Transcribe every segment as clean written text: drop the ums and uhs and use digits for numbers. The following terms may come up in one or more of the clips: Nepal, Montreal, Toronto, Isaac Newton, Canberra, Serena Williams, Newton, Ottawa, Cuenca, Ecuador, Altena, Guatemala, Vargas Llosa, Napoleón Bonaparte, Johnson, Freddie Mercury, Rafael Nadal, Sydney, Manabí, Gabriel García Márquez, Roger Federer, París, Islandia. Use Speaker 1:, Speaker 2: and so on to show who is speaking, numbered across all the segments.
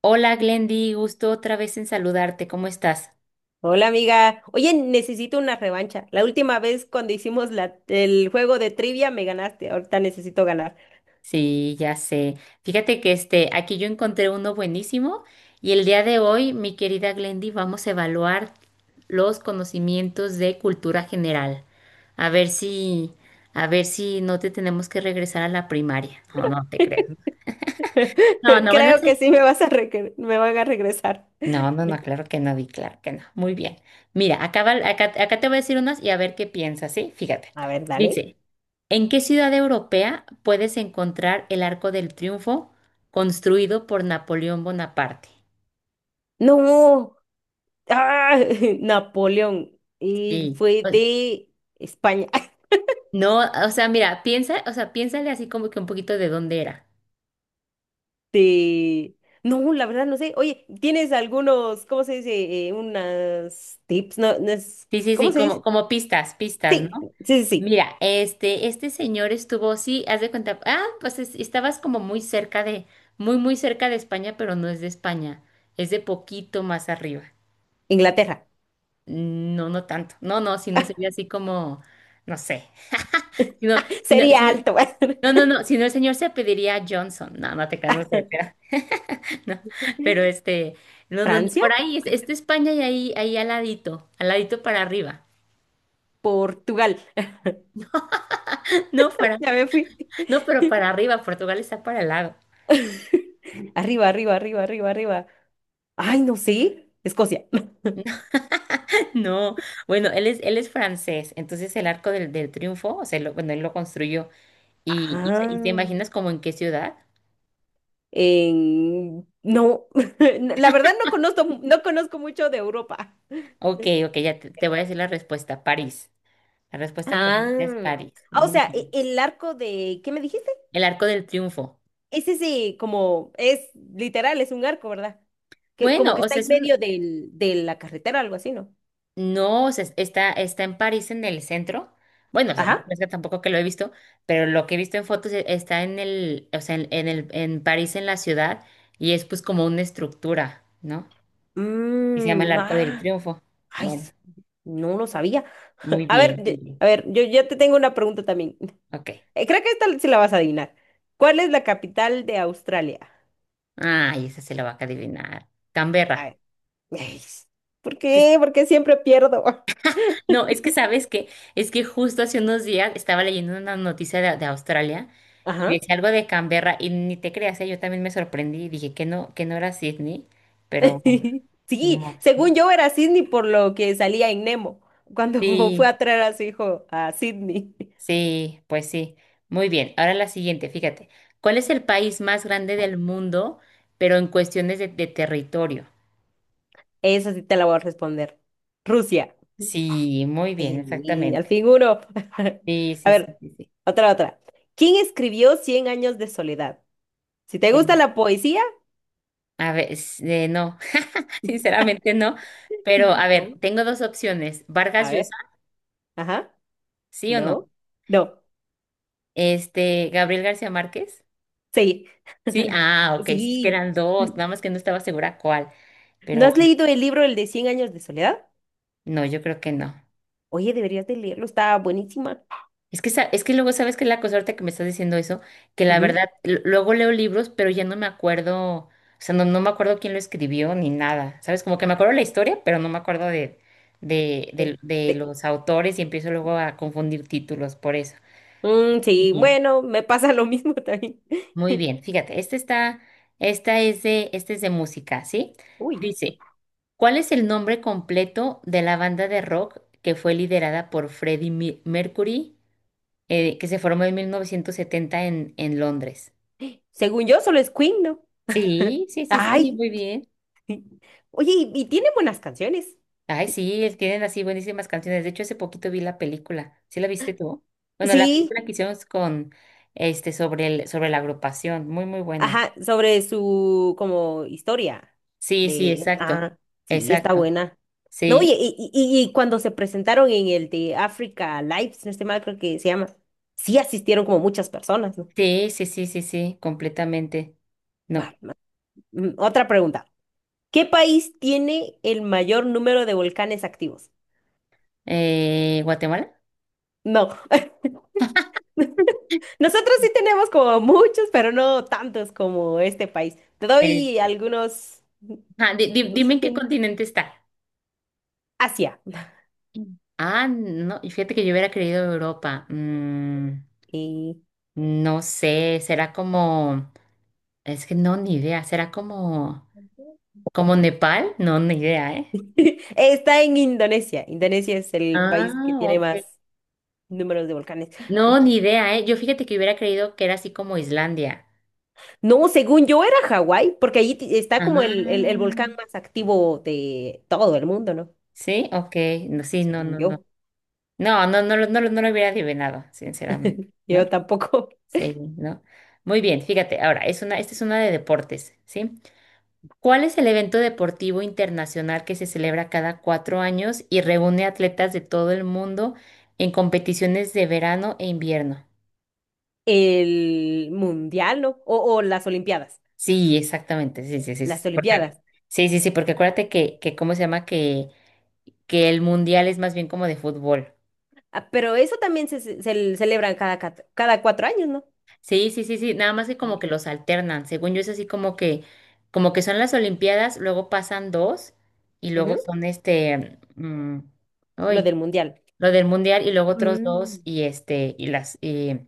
Speaker 1: Hola Glendy, gusto otra vez en saludarte. ¿Cómo estás?
Speaker 2: Hola amiga, oye, necesito una revancha. La última vez cuando hicimos el juego de trivia me ganaste, ahorita necesito ganar.
Speaker 1: Sí, ya sé. Fíjate que aquí yo encontré uno buenísimo y el día de hoy, mi querida Glendy, vamos a evaluar los conocimientos de cultura general. A ver si, a ver si no te tenemos que regresar a la primaria. No, no te creo. No, no van a
Speaker 2: Creo
Speaker 1: ser.
Speaker 2: que sí me van a regresar.
Speaker 1: No, no, no, claro que no, Di, claro que no. Muy bien. Mira, acá te voy a decir unas y a ver qué piensas, ¿sí? Fíjate.
Speaker 2: A ver, dale.
Speaker 1: Dice, ¿en qué ciudad europea puedes encontrar el Arco del Triunfo construido por Napoleón Bonaparte?
Speaker 2: No, ¡Ah! Napoleón. Y
Speaker 1: Sí.
Speaker 2: fue de España.
Speaker 1: No, o sea, mira, piensa, o sea, piénsale así como que un poquito de dónde era.
Speaker 2: De... No, la verdad no sé. Oye, ¿tienes algunos, cómo se dice? Unas tips, no,
Speaker 1: Sí, sí, sí,
Speaker 2: ¿cómo se
Speaker 1: como,
Speaker 2: dice?
Speaker 1: como pistas, pistas, ¿no?
Speaker 2: Sí, sí, sí.
Speaker 1: Mira, este señor estuvo, sí, haz de cuenta, ah, pues estabas como muy cerca de, muy, muy cerca de España, pero no es de España, es de poquito más arriba.
Speaker 2: Inglaterra.
Speaker 1: No, no tanto, no, no, si no sería así como, no sé, si no, si no, si
Speaker 2: Sería
Speaker 1: no-
Speaker 2: alto.
Speaker 1: no, no, no, si no el señor se pediría Johnson, no, no te creas, no sé, pero, no, pero no, no, no,
Speaker 2: Francia.
Speaker 1: por ahí, es de España y ahí al ladito para arriba,
Speaker 2: Portugal.
Speaker 1: no, para
Speaker 2: Ya me fui.
Speaker 1: no, pero para arriba, Portugal está para el lado.
Speaker 2: Arriba, arriba, arriba, arriba, arriba. Ay, no sé. Escocia.
Speaker 1: No, bueno, él es francés, entonces el arco del triunfo, o sea, bueno, él lo construyó. Y te
Speaker 2: Ah,
Speaker 1: imaginas como en qué ciudad?
Speaker 2: No, la verdad no conozco, no conozco mucho de Europa.
Speaker 1: Ok, ok, ya te voy a decir la respuesta, París. La respuesta correcta es
Speaker 2: Ah,
Speaker 1: París.
Speaker 2: ah, o
Speaker 1: Muy
Speaker 2: sea,
Speaker 1: bien.
Speaker 2: el arco de, ¿qué me dijiste?
Speaker 1: El arco del triunfo.
Speaker 2: Es ese como, es literal, es un arco, ¿verdad? Que como
Speaker 1: Bueno,
Speaker 2: que
Speaker 1: o
Speaker 2: está
Speaker 1: sea,
Speaker 2: en
Speaker 1: es
Speaker 2: medio del, de la carretera, algo así, ¿no?
Speaker 1: No, o sea, está en París, en el centro. Bueno, o sea, no
Speaker 2: Ajá.
Speaker 1: es que tampoco que lo he visto, pero lo que he visto en fotos está en el, o sea, en el, en París, en la ciudad, y es pues como una estructura, ¿no? Y se llama el Arco del
Speaker 2: Ah,
Speaker 1: Triunfo.
Speaker 2: ay,
Speaker 1: Bueno,
Speaker 2: no lo sabía.
Speaker 1: muy
Speaker 2: A
Speaker 1: bien,
Speaker 2: ver,
Speaker 1: muy bien.
Speaker 2: a ver, yo te tengo una pregunta también.
Speaker 1: Ok.
Speaker 2: Creo que esta sí la vas a adivinar. ¿Cuál es la capital de Australia?
Speaker 1: Ay, esa se la va a adivinar.
Speaker 2: A
Speaker 1: Canberra.
Speaker 2: ver. Ey, ¿por qué? Porque siempre pierdo.
Speaker 1: No, es que sabes que es que justo hace unos días estaba leyendo una noticia de Australia y
Speaker 2: Ajá.
Speaker 1: decía algo de Canberra y ni te creas, ¿eh? Yo también me sorprendí y dije que no era Sydney, pero bueno, ni
Speaker 2: Sí,
Speaker 1: modo,
Speaker 2: según
Speaker 1: ¿no?
Speaker 2: yo era Sydney por lo que salía en Nemo cuando fue
Speaker 1: Sí,
Speaker 2: a traer a su hijo a Sydney.
Speaker 1: sí, pues sí. Muy bien, ahora la siguiente, fíjate. ¿Cuál es el país más grande del mundo, pero en cuestiones de territorio?
Speaker 2: Eso sí te la voy a responder. Rusia.
Speaker 1: Sí, muy bien,
Speaker 2: Sí, al
Speaker 1: exactamente.
Speaker 2: fin uno.
Speaker 1: Sí,
Speaker 2: A
Speaker 1: sí, sí,
Speaker 2: ver,
Speaker 1: sí,
Speaker 2: otra, otra. ¿Quién escribió Cien años de soledad? Si te
Speaker 1: sí.
Speaker 2: gusta la poesía,
Speaker 1: A ver, no, sinceramente no. Pero a ver,
Speaker 2: ¿cómo?
Speaker 1: tengo dos opciones. Vargas
Speaker 2: A ver,
Speaker 1: Llosa,
Speaker 2: ajá,
Speaker 1: ¿sí o
Speaker 2: no,
Speaker 1: no?
Speaker 2: no,
Speaker 1: Gabriel García Márquez,
Speaker 2: sí.
Speaker 1: ¿sí? Ah, ok, sí, es que
Speaker 2: Sí.
Speaker 1: eran
Speaker 2: ¿No
Speaker 1: dos, nada más que no estaba segura cuál. Pero
Speaker 2: has
Speaker 1: bueno,
Speaker 2: leído el libro, el de 100 años de soledad?
Speaker 1: no, yo creo que no.
Speaker 2: Oye, deberías de leerlo, está buenísima.
Speaker 1: Es que, es que luego, ¿sabes qué es la cosa ahorita que me estás diciendo eso? Que la verdad,
Speaker 2: Ujú.
Speaker 1: luego leo libros, pero ya no me acuerdo, o sea, no, no me acuerdo quién lo escribió ni nada, ¿sabes? Como que me acuerdo la historia, pero no me acuerdo de, de,
Speaker 2: Sí,
Speaker 1: de, de
Speaker 2: sí.
Speaker 1: los autores y empiezo luego a confundir títulos por eso.
Speaker 2: Mm,
Speaker 1: Muy
Speaker 2: sí,
Speaker 1: bien,
Speaker 2: bueno, me pasa lo mismo también.
Speaker 1: muy bien. Fíjate, este está, esta es de, este es de música, ¿sí?
Speaker 2: Uy,
Speaker 1: Dice, ¿cuál es el nombre completo de la banda de rock que fue liderada por Freddie Mercury, que se formó en 1970 en Londres?
Speaker 2: según yo solo es Queen, ¿no?
Speaker 1: Sí, sí, sí, sí,
Speaker 2: Ay,
Speaker 1: muy bien.
Speaker 2: sí. Oye, y tiene buenas canciones.
Speaker 1: Ay, sí, tienen así buenísimas canciones. De hecho, hace poquito vi la película. ¿Sí la viste tú? Bueno, la
Speaker 2: Sí,
Speaker 1: película que hicimos con este sobre la agrupación, muy, muy buena.
Speaker 2: ajá, sobre su como historia
Speaker 1: Sí, sí,
Speaker 2: de,
Speaker 1: exacto.
Speaker 2: ah, sí, está
Speaker 1: Exacto.
Speaker 2: buena. No, y,
Speaker 1: Sí,
Speaker 2: y, y- y cuando se presentaron en el de Africa Live, si no estoy mal, creo que se llama, sí asistieron como muchas personas, ¿no?
Speaker 1: sí, sí, sí, sí, sí, completamente.
Speaker 2: Va,
Speaker 1: No.
Speaker 2: va. Otra pregunta. ¿Qué país tiene el mayor número de volcanes activos?
Speaker 1: ¿Guatemala?
Speaker 2: No. Nosotros sí tenemos como muchos, pero no tantos como este país. Te doy
Speaker 1: Eh,
Speaker 2: algunos
Speaker 1: ajá,
Speaker 2: los
Speaker 1: dime en qué
Speaker 2: hints.
Speaker 1: continente está.
Speaker 2: Asia.
Speaker 1: Mm. Ah, no, y fíjate que yo hubiera creído Europa.
Speaker 2: Eh,
Speaker 1: No sé, será como, es que no, ni idea, será como, Nepal, no, ni idea, ¿eh?
Speaker 2: está en Indonesia. Indonesia es el
Speaker 1: Ah,
Speaker 2: país que tiene
Speaker 1: ok.
Speaker 2: más números de volcanes.
Speaker 1: No, ni
Speaker 2: Oye,
Speaker 1: idea, ¿eh? Yo fíjate que hubiera creído que era así como Islandia.
Speaker 2: no, según yo era Hawái, porque ahí está como el
Speaker 1: Ah,
Speaker 2: volcán más activo de todo el mundo, ¿no?
Speaker 1: sí, ok, no, sí, no,
Speaker 2: Según
Speaker 1: no, no.
Speaker 2: yo.
Speaker 1: No, no, no, no, no lo hubiera adivinado, sinceramente,
Speaker 2: Yo
Speaker 1: ¿no?
Speaker 2: tampoco.
Speaker 1: Sí, ¿no? Muy bien, fíjate, ahora, esta es una de deportes, ¿sí? ¿Cuál es el evento deportivo internacional que se celebra cada 4 años y reúne atletas de todo el mundo en competiciones de verano e invierno?
Speaker 2: El mundial, ¿no? O las Olimpiadas.
Speaker 1: Sí, exactamente, sí, sí, sí,
Speaker 2: Las
Speaker 1: sí, porque,
Speaker 2: Olimpiadas.
Speaker 1: sí, sí, sí, porque acuérdate ¿cómo se llama? Que el mundial es más bien como de fútbol.
Speaker 2: Ah, pero eso también se celebran cada 4 años, ¿no?
Speaker 1: Sí, sí, sí, sí, nada más que como que los alternan, según yo es así como que son las Olimpiadas, luego pasan dos y
Speaker 2: Ujú,
Speaker 1: luego son
Speaker 2: lo
Speaker 1: hoy
Speaker 2: del mundial.
Speaker 1: lo del mundial y luego otros dos
Speaker 2: Mm.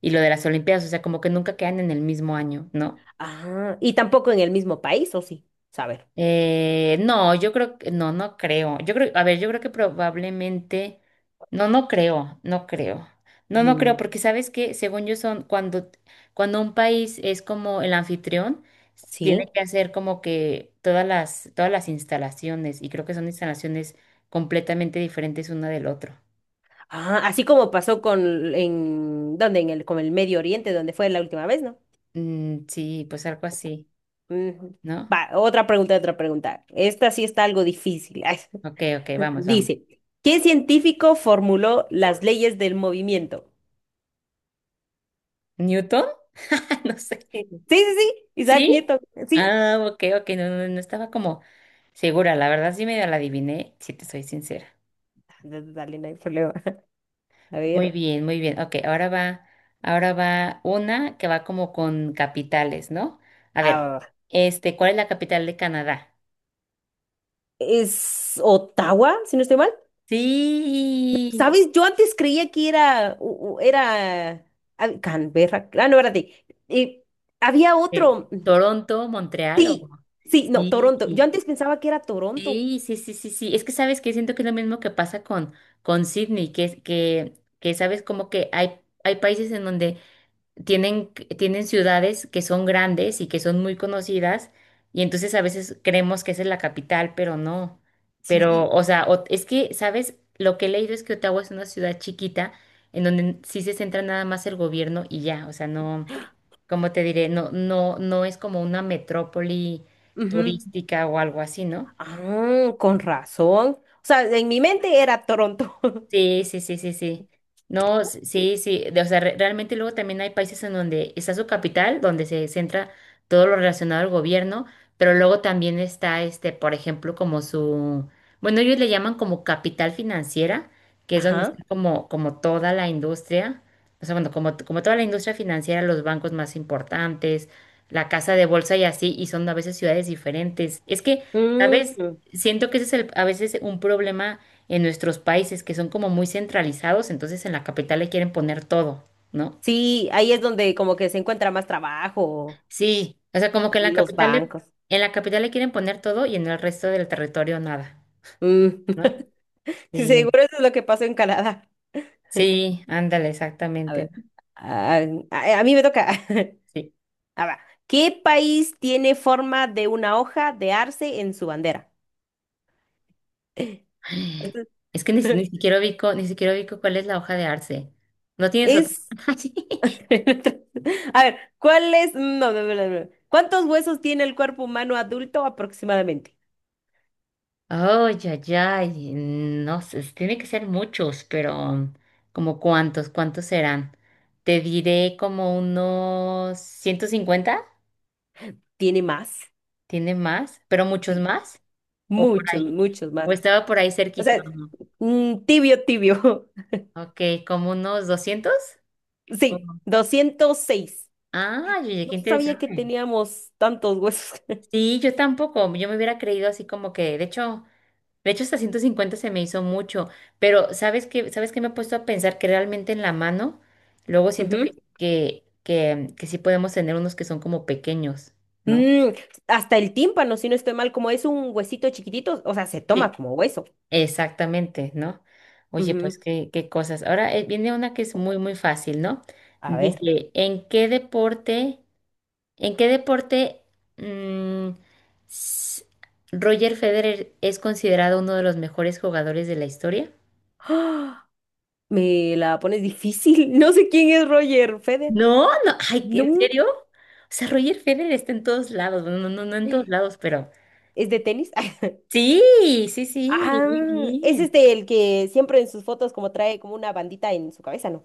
Speaker 1: y lo de las olimpiadas, o sea, como que nunca quedan en el mismo año, ¿no?
Speaker 2: Ah, y tampoco en el mismo país, ¿o sí? Saber.
Speaker 1: No, yo creo que no, no creo. Yo creo, a ver, yo creo que probablemente no, no creo, no creo. No, no creo,
Speaker 2: Mm.
Speaker 1: porque sabes que según yo son cuando un país es como el anfitrión, tiene
Speaker 2: Sí.
Speaker 1: que hacer como que todas las instalaciones y creo que son instalaciones completamente diferentes una del otro.
Speaker 2: Ah, así como pasó con en ¿dónde? En el con el Medio Oriente, donde fue la última vez, ¿no?
Speaker 1: Sí, pues algo así,
Speaker 2: Mm,
Speaker 1: ¿no?
Speaker 2: va, otra pregunta, otra pregunta. Esta sí está algo difícil. Ay,
Speaker 1: Ok, ok, vamos, vamos.
Speaker 2: dice, ¿qué científico formuló las leyes del movimiento?
Speaker 1: ¿Newton? No sé.
Speaker 2: Sí, sí, sí, Isaac
Speaker 1: ¿Sí?
Speaker 2: Newton, sí.
Speaker 1: Ah, ok, ok, no, no, no estaba como segura, la verdad sí medio la adiviné, si te soy sincera.
Speaker 2: Dale, no hay problema. A
Speaker 1: Muy
Speaker 2: ver,
Speaker 1: bien, muy bien. Ok, ahora va una que va como con capitales, ¿no? A ver,
Speaker 2: ah,
Speaker 1: ¿cuál es la capital de Canadá?
Speaker 2: es Ottawa, si no estoy mal.
Speaker 1: Sí.
Speaker 2: ¿Sabes? Yo antes creía que era Canberra. Ah, no, espérate. Había
Speaker 1: Eh,
Speaker 2: otro.
Speaker 1: ¿Toronto, Montreal o...?
Speaker 2: Sí, sí, no,
Speaker 1: Sí.
Speaker 2: Toronto. Yo antes pensaba que era Toronto.
Speaker 1: Sí, sí, sí, sí, sí. Es que sabes que siento que es lo mismo que pasa con Sydney, que sabes como que hay países en donde tienen ciudades que son grandes y que son muy conocidas, y entonces a veces creemos que esa es la capital, pero no. Pero,
Speaker 2: Sí.
Speaker 1: o sea, es que, ¿sabes? Lo que he leído es que Ottawa es una ciudad chiquita en donde sí se centra nada más el gobierno y ya. O sea, no, como te diré? No, no, no es como una metrópoli
Speaker 2: Ujú.
Speaker 1: turística o algo así, ¿no?
Speaker 2: Ah, con razón. O sea, en mi mente era Toronto.
Speaker 1: Sí, sí, sí, sí, sí. No, sí, sí. O sea, realmente luego también hay países en donde está su capital, donde se centra todo lo relacionado al gobierno, pero luego también está, por ejemplo, como su, bueno, ellos le llaman como capital financiera, que es donde
Speaker 2: Ajá.
Speaker 1: está como toda la industria, o sea, bueno, como toda la industria financiera, los bancos más importantes, la casa de bolsa y así, y son a veces ciudades diferentes. Es que, ¿sabes?
Speaker 2: Mm,
Speaker 1: Siento que ese es a veces un problema en nuestros países que son como muy centralizados, entonces en la capital le quieren poner todo, ¿no?
Speaker 2: sí, ahí es donde como que se encuentra más trabajo,
Speaker 1: Sí, o sea, como que en la
Speaker 2: los
Speaker 1: capital le,
Speaker 2: bancos.
Speaker 1: en la capital le quieren poner todo y en el resto del territorio nada,
Speaker 2: Mm,
Speaker 1: ¿no? Sí,
Speaker 2: seguro eso es lo que pasó en Canadá.
Speaker 1: sí, ándale,
Speaker 2: A
Speaker 1: exactamente.
Speaker 2: ver,
Speaker 1: ¿No?
Speaker 2: ah, a mí me toca.
Speaker 1: Sí.
Speaker 2: A ver, ¿qué país tiene forma de una hoja de arce en su bandera? Esto
Speaker 1: Es que ni siquiera ubico cuál es la hoja de arce. ¿No tienes otra?
Speaker 2: es... A ver, ¿cuál es... no, no, no, no. No. ¿Cuántos huesos tiene el cuerpo humano adulto aproximadamente?
Speaker 1: Oh, ya, ya, y no sé, tiene que ser muchos, pero como cuántos serán. Te diré como unos 150,
Speaker 2: Tiene más,
Speaker 1: tiene más, pero muchos
Speaker 2: sí,
Speaker 1: más, o por
Speaker 2: muchos,
Speaker 1: ahí,
Speaker 2: muchos
Speaker 1: o
Speaker 2: más.
Speaker 1: estaba por ahí
Speaker 2: O
Speaker 1: cerquita.
Speaker 2: sea,
Speaker 1: Uno.
Speaker 2: tibio, tibio.
Speaker 1: Ok, como unos 200.
Speaker 2: Sí,
Speaker 1: Ujú.
Speaker 2: 206.
Speaker 1: Ah, oye, qué
Speaker 2: No sabía que
Speaker 1: interesante.
Speaker 2: teníamos tantos huesos.
Speaker 1: Sí, yo tampoco, yo me hubiera creído así como que, de hecho. De hecho, hasta 150 se me hizo mucho, pero ¿sabes qué? ¿Sabes qué me he puesto a pensar que realmente en la mano, luego siento que,
Speaker 2: Ujú.
Speaker 1: que, que, que sí podemos tener unos que son como pequeños, ¿no?
Speaker 2: Mm, hasta el tímpano, si no estoy mal, como es un huesito chiquitito, o sea, se toma
Speaker 1: Sí.
Speaker 2: como hueso.
Speaker 1: Exactamente, ¿no? Oye, pues
Speaker 2: Ujú.
Speaker 1: qué, qué cosas. Ahora viene una que es muy, muy fácil, ¿no?
Speaker 2: A ver.
Speaker 1: Dice, ¿en qué deporte mm, s- Roger Federer es considerado uno de los mejores jugadores de la historia?
Speaker 2: ¡Ah! Me la pones difícil. No sé quién es Roger Federer.
Speaker 1: No, no, ay, ¿en
Speaker 2: No.
Speaker 1: serio? O sea, Roger Federer está en todos lados, bueno, no, no, no en todos lados, pero
Speaker 2: ¿Es de tenis?
Speaker 1: sí, sí, sí, muy
Speaker 2: Ah, es
Speaker 1: bien.
Speaker 2: este el que siempre en sus fotos como trae como una bandita en su cabeza, ¿no?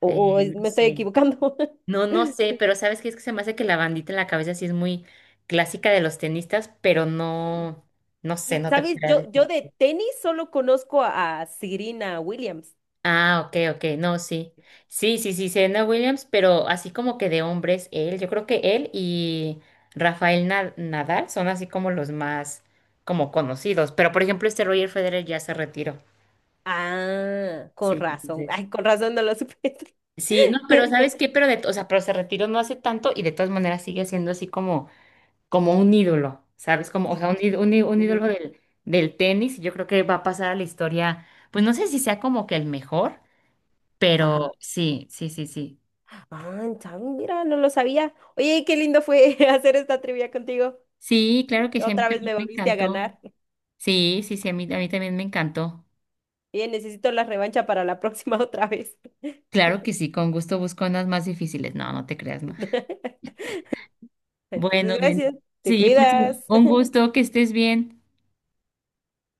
Speaker 2: o,
Speaker 1: Eh,
Speaker 2: o
Speaker 1: no
Speaker 2: me estoy
Speaker 1: sé,
Speaker 2: equivocando.
Speaker 1: no, no sé, pero ¿sabes qué? Es que se me hace que la bandita en la cabeza sí es muy clásica de los tenistas, pero no, no sé, no te
Speaker 2: ¿Sabes?
Speaker 1: puedo.
Speaker 2: Yo de tenis solo conozco a Serena Williams.
Speaker 1: Ah, ok, ok, no, sí. Sí, sí, sí, Serena Williams, pero así como que de hombres, él, yo creo que él y Rafael Nadal son así como los más como conocidos, pero por ejemplo este Roger Federer ya se retiró.
Speaker 2: Ah, con
Speaker 1: Sí,
Speaker 2: razón.
Speaker 1: entonces.
Speaker 2: Ay, con razón no lo supe.
Speaker 1: Sí, no, pero ¿sabes qué? Pero o sea, pero se retiró no hace tanto y de todas maneras sigue siendo así como un ídolo, ¿sabes? Como, o
Speaker 2: Sí,
Speaker 1: sea, un, íd- un, í- un ídolo
Speaker 2: ujú,
Speaker 1: del tenis, y yo creo que va a pasar a la historia, pues no sé si sea como que el mejor, pero
Speaker 2: ajá.
Speaker 1: sí, sí, sí, sí.
Speaker 2: Ah, ¿sabes? Mira, no lo sabía. Oye, qué lindo fue hacer esta trivia contigo.
Speaker 1: Sí, claro que sí, a mí
Speaker 2: Otra vez
Speaker 1: también
Speaker 2: me
Speaker 1: me
Speaker 2: volviste a
Speaker 1: encantó.
Speaker 2: ganar.
Speaker 1: Sí, sí, sí, a mí también me encantó.
Speaker 2: Oye, necesito la revancha para la próxima otra vez.
Speaker 1: Claro que sí, con gusto busco unas más difíciles. No, no te creas, no.
Speaker 2: Entonces,
Speaker 1: Bueno,
Speaker 2: gracias.
Speaker 1: Glenn,
Speaker 2: Te
Speaker 1: sí, pues
Speaker 2: cuidas.
Speaker 1: un gusto que estés bien.